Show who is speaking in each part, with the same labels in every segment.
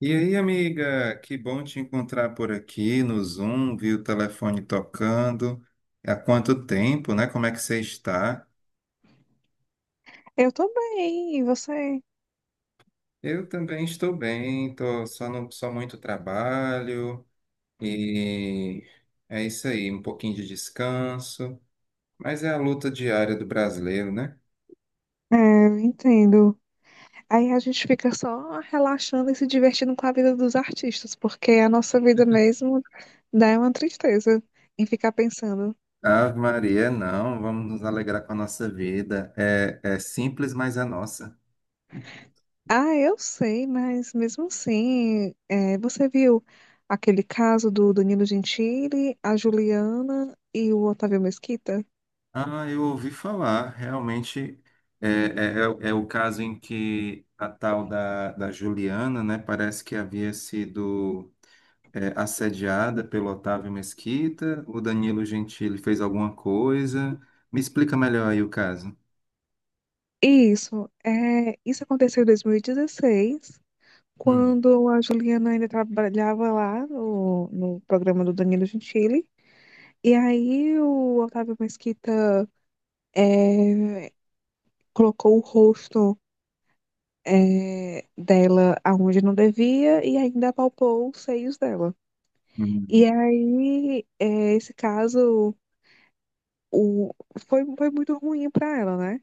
Speaker 1: E aí, amiga, que bom te encontrar por aqui no Zoom, vi o telefone tocando. Há quanto tempo, né? Como é que você está?
Speaker 2: Eu tô bem, e você?
Speaker 1: Eu também estou bem, tô só no, só muito trabalho e é isso aí, um pouquinho de descanso, mas é a luta diária do brasileiro, né?
Speaker 2: É, eu entendo. Aí a gente fica só relaxando e se divertindo com a vida dos artistas, porque a nossa vida mesmo dá uma tristeza em ficar pensando.
Speaker 1: Ave Maria, não, vamos nos alegrar com a nossa vida. É, é simples, mas é nossa.
Speaker 2: Ah, eu sei, mas mesmo assim, você viu aquele caso do Danilo Gentili, a Juliana e o Otávio Mesquita?
Speaker 1: Ah, eu ouvi falar, realmente é o caso em que a tal da Juliana, né, parece que havia sido assediada pelo Otávio Mesquita, o Danilo Gentili fez alguma coisa. Me explica melhor aí o caso.
Speaker 2: Isso, isso aconteceu em 2016,
Speaker 1: Hum,
Speaker 2: quando a Juliana ainda trabalhava lá no programa do Danilo Gentili. E aí o Otávio Mesquita eh, colocou o rosto dela aonde não devia e ainda apalpou os seios dela.
Speaker 1: hum,
Speaker 2: E aí esse caso o, foi muito ruim para ela, né?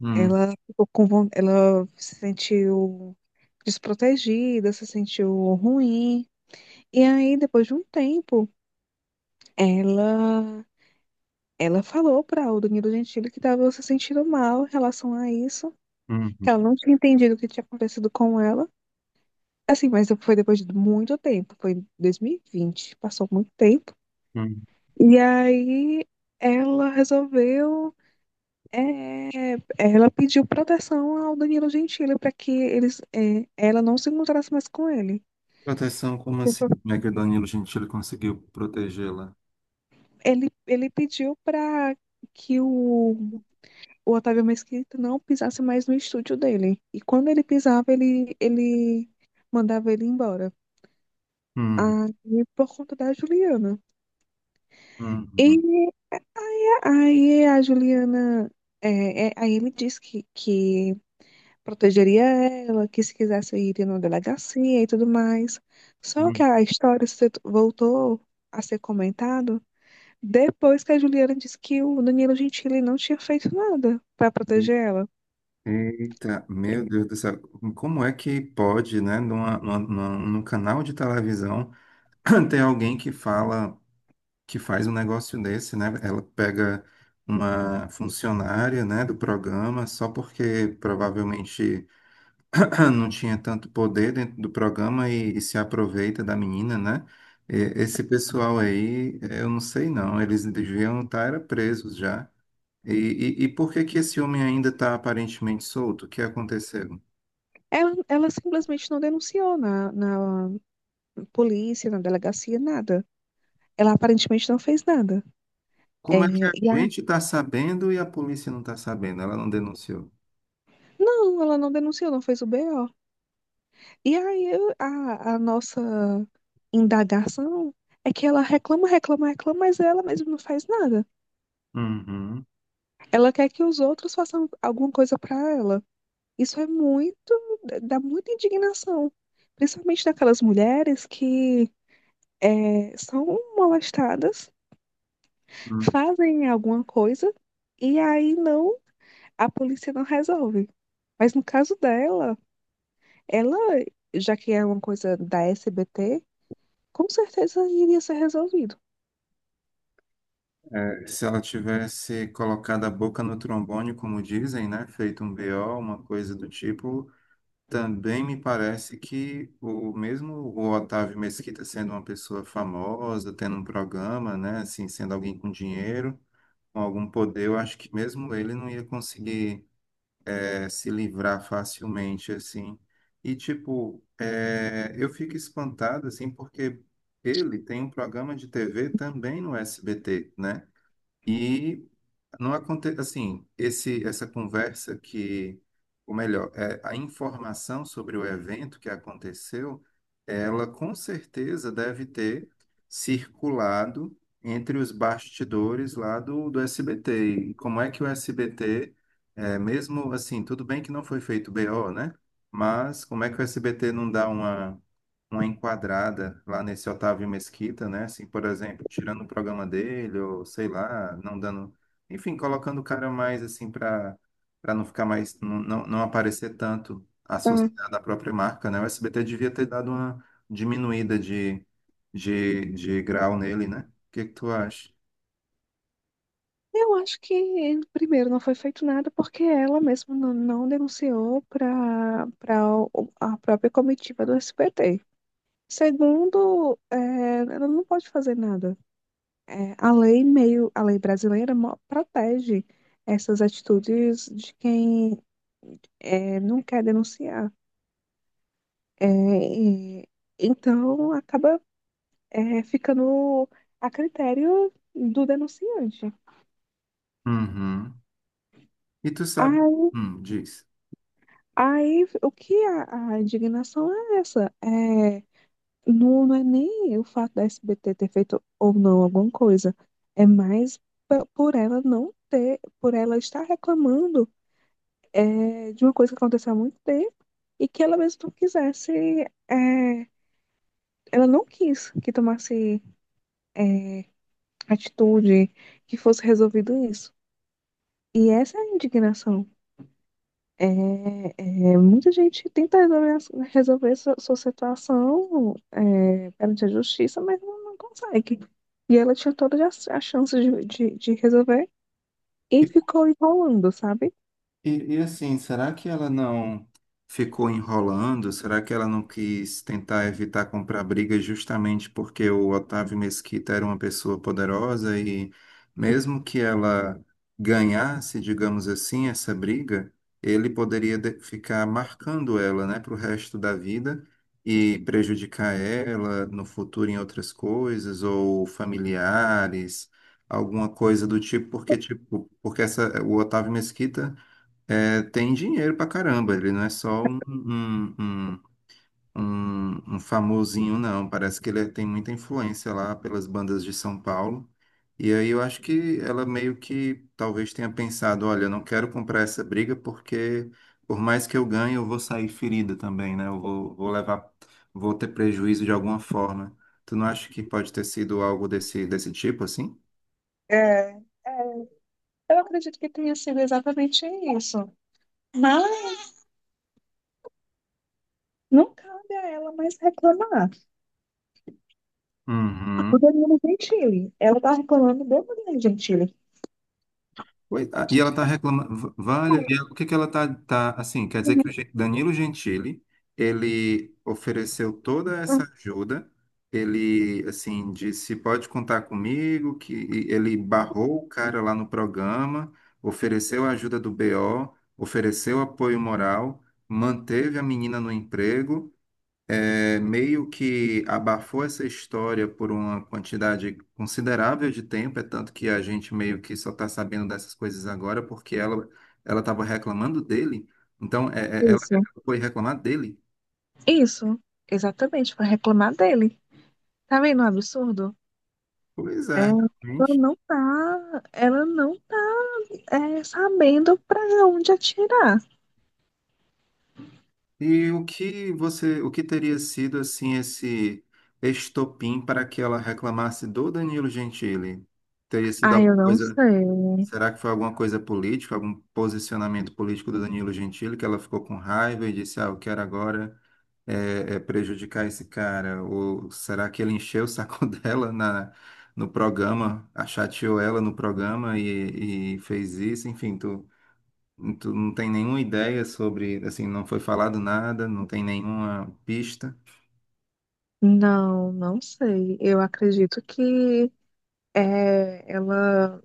Speaker 1: hum,
Speaker 2: Ela ficou com, von- Ela se sentiu desprotegida, se sentiu ruim. E aí, depois de um tempo, Ela, ela falou para o Danilo Gentili que estava se sentindo mal em relação a isso,
Speaker 1: hum,
Speaker 2: que ela não tinha entendido o que tinha acontecido com ela. Assim, mas foi depois de muito tempo, foi em 2020, passou muito tempo.
Speaker 1: hum.
Speaker 2: E aí ela resolveu, ela pediu proteção ao Danilo Gentili para que eles, ela não se encontrasse mais com ele.
Speaker 1: Proteção, como assim? Como é que o Danilo Gentili conseguiu protegê-la?
Speaker 2: Ele pediu para que o Otávio Mesquita não pisasse mais no estúdio dele. E quando ele pisava, ele mandava ele embora.
Speaker 1: Hum,
Speaker 2: Aí, por conta da Juliana.
Speaker 1: hum,
Speaker 2: E
Speaker 1: hum,
Speaker 2: aí a Juliana. Aí ele disse que protegeria ela, que se quisesse ir numa delegacia e tudo mais. Só que
Speaker 1: hum.
Speaker 2: a história se- voltou a ser comentado depois que a Juliana disse que o Danilo Gentili não tinha feito nada para
Speaker 1: Hum.
Speaker 2: proteger ela.
Speaker 1: Eita, meu Deus do céu, como é que pode, né, num canal de televisão ter alguém que fala, que faz um negócio desse, né? Ela pega uma funcionária, né, do programa só porque provavelmente não tinha tanto poder dentro do programa e se aproveita da menina, né? E- Esse pessoal aí, eu não sei não, eles deviam estar era presos já. E, e por que que esse homem ainda está aparentemente solto? O que aconteceu?
Speaker 2: Ela simplesmente não denunciou na polícia, na delegacia, nada. Ela aparentemente não fez nada. É,
Speaker 1: Como é que a
Speaker 2: e a-
Speaker 1: gente está sabendo e a polícia não está sabendo? Ela não denunciou.
Speaker 2: não, ela não denunciou, não fez o BO. A nossa indagação é que ela reclama, reclama, reclama, mas ela mesma não faz nada.
Speaker 1: Uhum.
Speaker 2: Ela quer que os outros façam alguma coisa para ela. Isso é muito, Dá muita indignação, principalmente daquelas mulheres que são molestadas,
Speaker 1: Hum.
Speaker 2: fazem alguma coisa e aí não, a polícia não resolve. Mas no caso dela, ela, já que é uma coisa da SBT, com certeza iria ser resolvido.
Speaker 1: É, se ela tivesse colocado a boca no trombone, como dizem, né? Feito um BO, uma coisa do tipo, também me parece que o mesmo o Otávio Mesquita sendo uma pessoa famosa, tendo um programa, né? Assim, sendo alguém com dinheiro, com algum poder, eu acho que mesmo ele não ia conseguir se livrar facilmente, assim. E, tipo, é, eu fico espantado, assim, porque ele tem um programa de TV também no SBT, né? E não acontece assim, esse essa conversa que, ou melhor, é, a informação sobre o evento que aconteceu, ela com certeza deve ter circulado entre os bastidores lá do SBT. E como é que o SBT, é, mesmo assim, tudo bem que não foi feito BO, né? Mas como é que o SBT não dá uma enquadrada lá nesse Otávio Mesquita, né? Assim, por exemplo, tirando o programa dele, ou sei lá, não dando. Enfim, colocando o cara mais assim para não ficar mais. Não, não, não aparecer tanto
Speaker 2: Tá.
Speaker 1: associado à própria marca, né? O SBT devia ter dado uma diminuída de grau nele, né? O que que tu acha?
Speaker 2: Eu acho que, primeiro, não foi feito nada porque ela mesma não denunciou para a própria comitiva do SBT. Segundo, é, ela não pode fazer nada. A lei brasileira protege essas atitudes de quem não quer denunciar. É, e- então, acaba ficando a critério do denunciante.
Speaker 1: Uhum. E tu sabe.
Speaker 2: Aí,
Speaker 1: Diz.
Speaker 2: Aí, o que a indignação é essa? Não, não é nem o fato da SBT ter feito ou não alguma coisa. É mais por ela não ter, por ela estar reclamando de uma coisa que aconteceu há muito tempo e que ela mesmo não quisesse. é, Ela não quis que tomasse é, atitude, que fosse resolvido isso. E essa é a indignação. É, Muita gente tenta resolver, resolver sua situação perante a justiça, mas não consegue. E ela tinha todas as as chances de resolver e ficou enrolando, sabe?
Speaker 1: E assim, será que ela não ficou enrolando? Será que ela não quis tentar evitar comprar briga justamente porque o Otávio Mesquita era uma pessoa poderosa e mesmo que ela ganhasse, digamos assim, essa briga, ele poderia de- ficar marcando ela, né, para o resto da vida e prejudicar ela no futuro em outras coisas ou familiares, alguma coisa do tipo, porque essa, o Otávio Mesquita é, tem dinheiro pra caramba, ele não é só um famosinho, não. Parece que ele é, tem muita influência lá pelas bandas de São Paulo. E aí eu acho que ela meio que talvez tenha pensado, olha, eu não quero comprar essa briga porque por mais que eu ganhe, eu vou sair ferida também, né? Vou levar, vou ter prejuízo de alguma forma. Tu não acha que pode ter sido algo desse, desse tipo, assim?
Speaker 2: É, é, eu acredito que tenha sido exatamente isso. Mas não cabe a ela mais reclamar
Speaker 1: Uhum.
Speaker 2: do Danilo Gentili. Ela está reclamando do Danilo Gentili.
Speaker 1: Pois- ah, e ela está reclamando, vale, e ela- o que que ela está, tá, tá, assim, quer dizer que o Gen- Danilo Gentili, ele ofereceu toda essa ajuda, ele, assim, disse, pode contar comigo, que e ele barrou o cara lá no programa, ofereceu a ajuda do BO, ofereceu apoio moral, manteve a menina no emprego, é, meio que abafou essa história por uma quantidade considerável de tempo, é tanto que a gente meio que só está sabendo dessas coisas agora porque ela estava reclamando dele, então é, ela
Speaker 2: Isso,
Speaker 1: foi reclamar dele.
Speaker 2: isso, exatamente, para reclamar dele. Tá vendo o absurdo?
Speaker 1: Pois é, realmente.
Speaker 2: Ela não tá, sabendo pra onde atirar.
Speaker 1: E o que você, o que teria sido assim esse estopim para que ela reclamasse do Danilo Gentili? Teria sido
Speaker 2: Ah,
Speaker 1: alguma
Speaker 2: eu não
Speaker 1: coisa.
Speaker 2: sei.
Speaker 1: Será que foi alguma coisa política, algum posicionamento político do Danilo Gentili que ela ficou com raiva e disse, ah, eu quero agora é prejudicar esse cara? Ou será que ele encheu o saco dela na, no programa, a chateou ela no programa e fez isso? Enfim, tu, tu não tem nenhuma ideia sobre, assim, não foi falado nada, não tem nenhuma pista.
Speaker 2: Não, não sei. Eu acredito que ela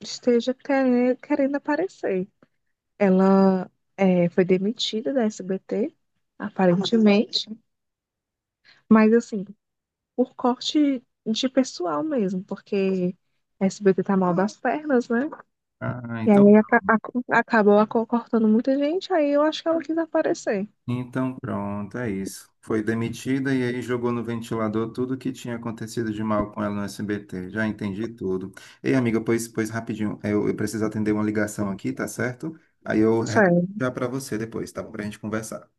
Speaker 2: esteja querendo aparecer. Ela foi demitida da SBT, aparentemente, mas assim, por corte de pessoal mesmo, porque a SBT tá mal das pernas, né?
Speaker 1: Ah,
Speaker 2: E
Speaker 1: então,
Speaker 2: aí acabou cortando muita gente, aí eu acho que ela quis aparecer.
Speaker 1: então, pronto, é isso. Foi demitida e aí jogou no ventilador tudo que tinha acontecido de mal com ela no SBT. Já entendi tudo. Ei, amiga, pois, pois rapidinho, eu preciso atender uma ligação aqui, tá certo? Aí eu retorno
Speaker 2: Sério,
Speaker 1: já para você depois, tá bom? Pra gente conversar.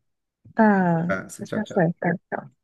Speaker 2: tá,
Speaker 1: Tá? Tchau,
Speaker 2: tá
Speaker 1: tchau.
Speaker 2: certo, tá.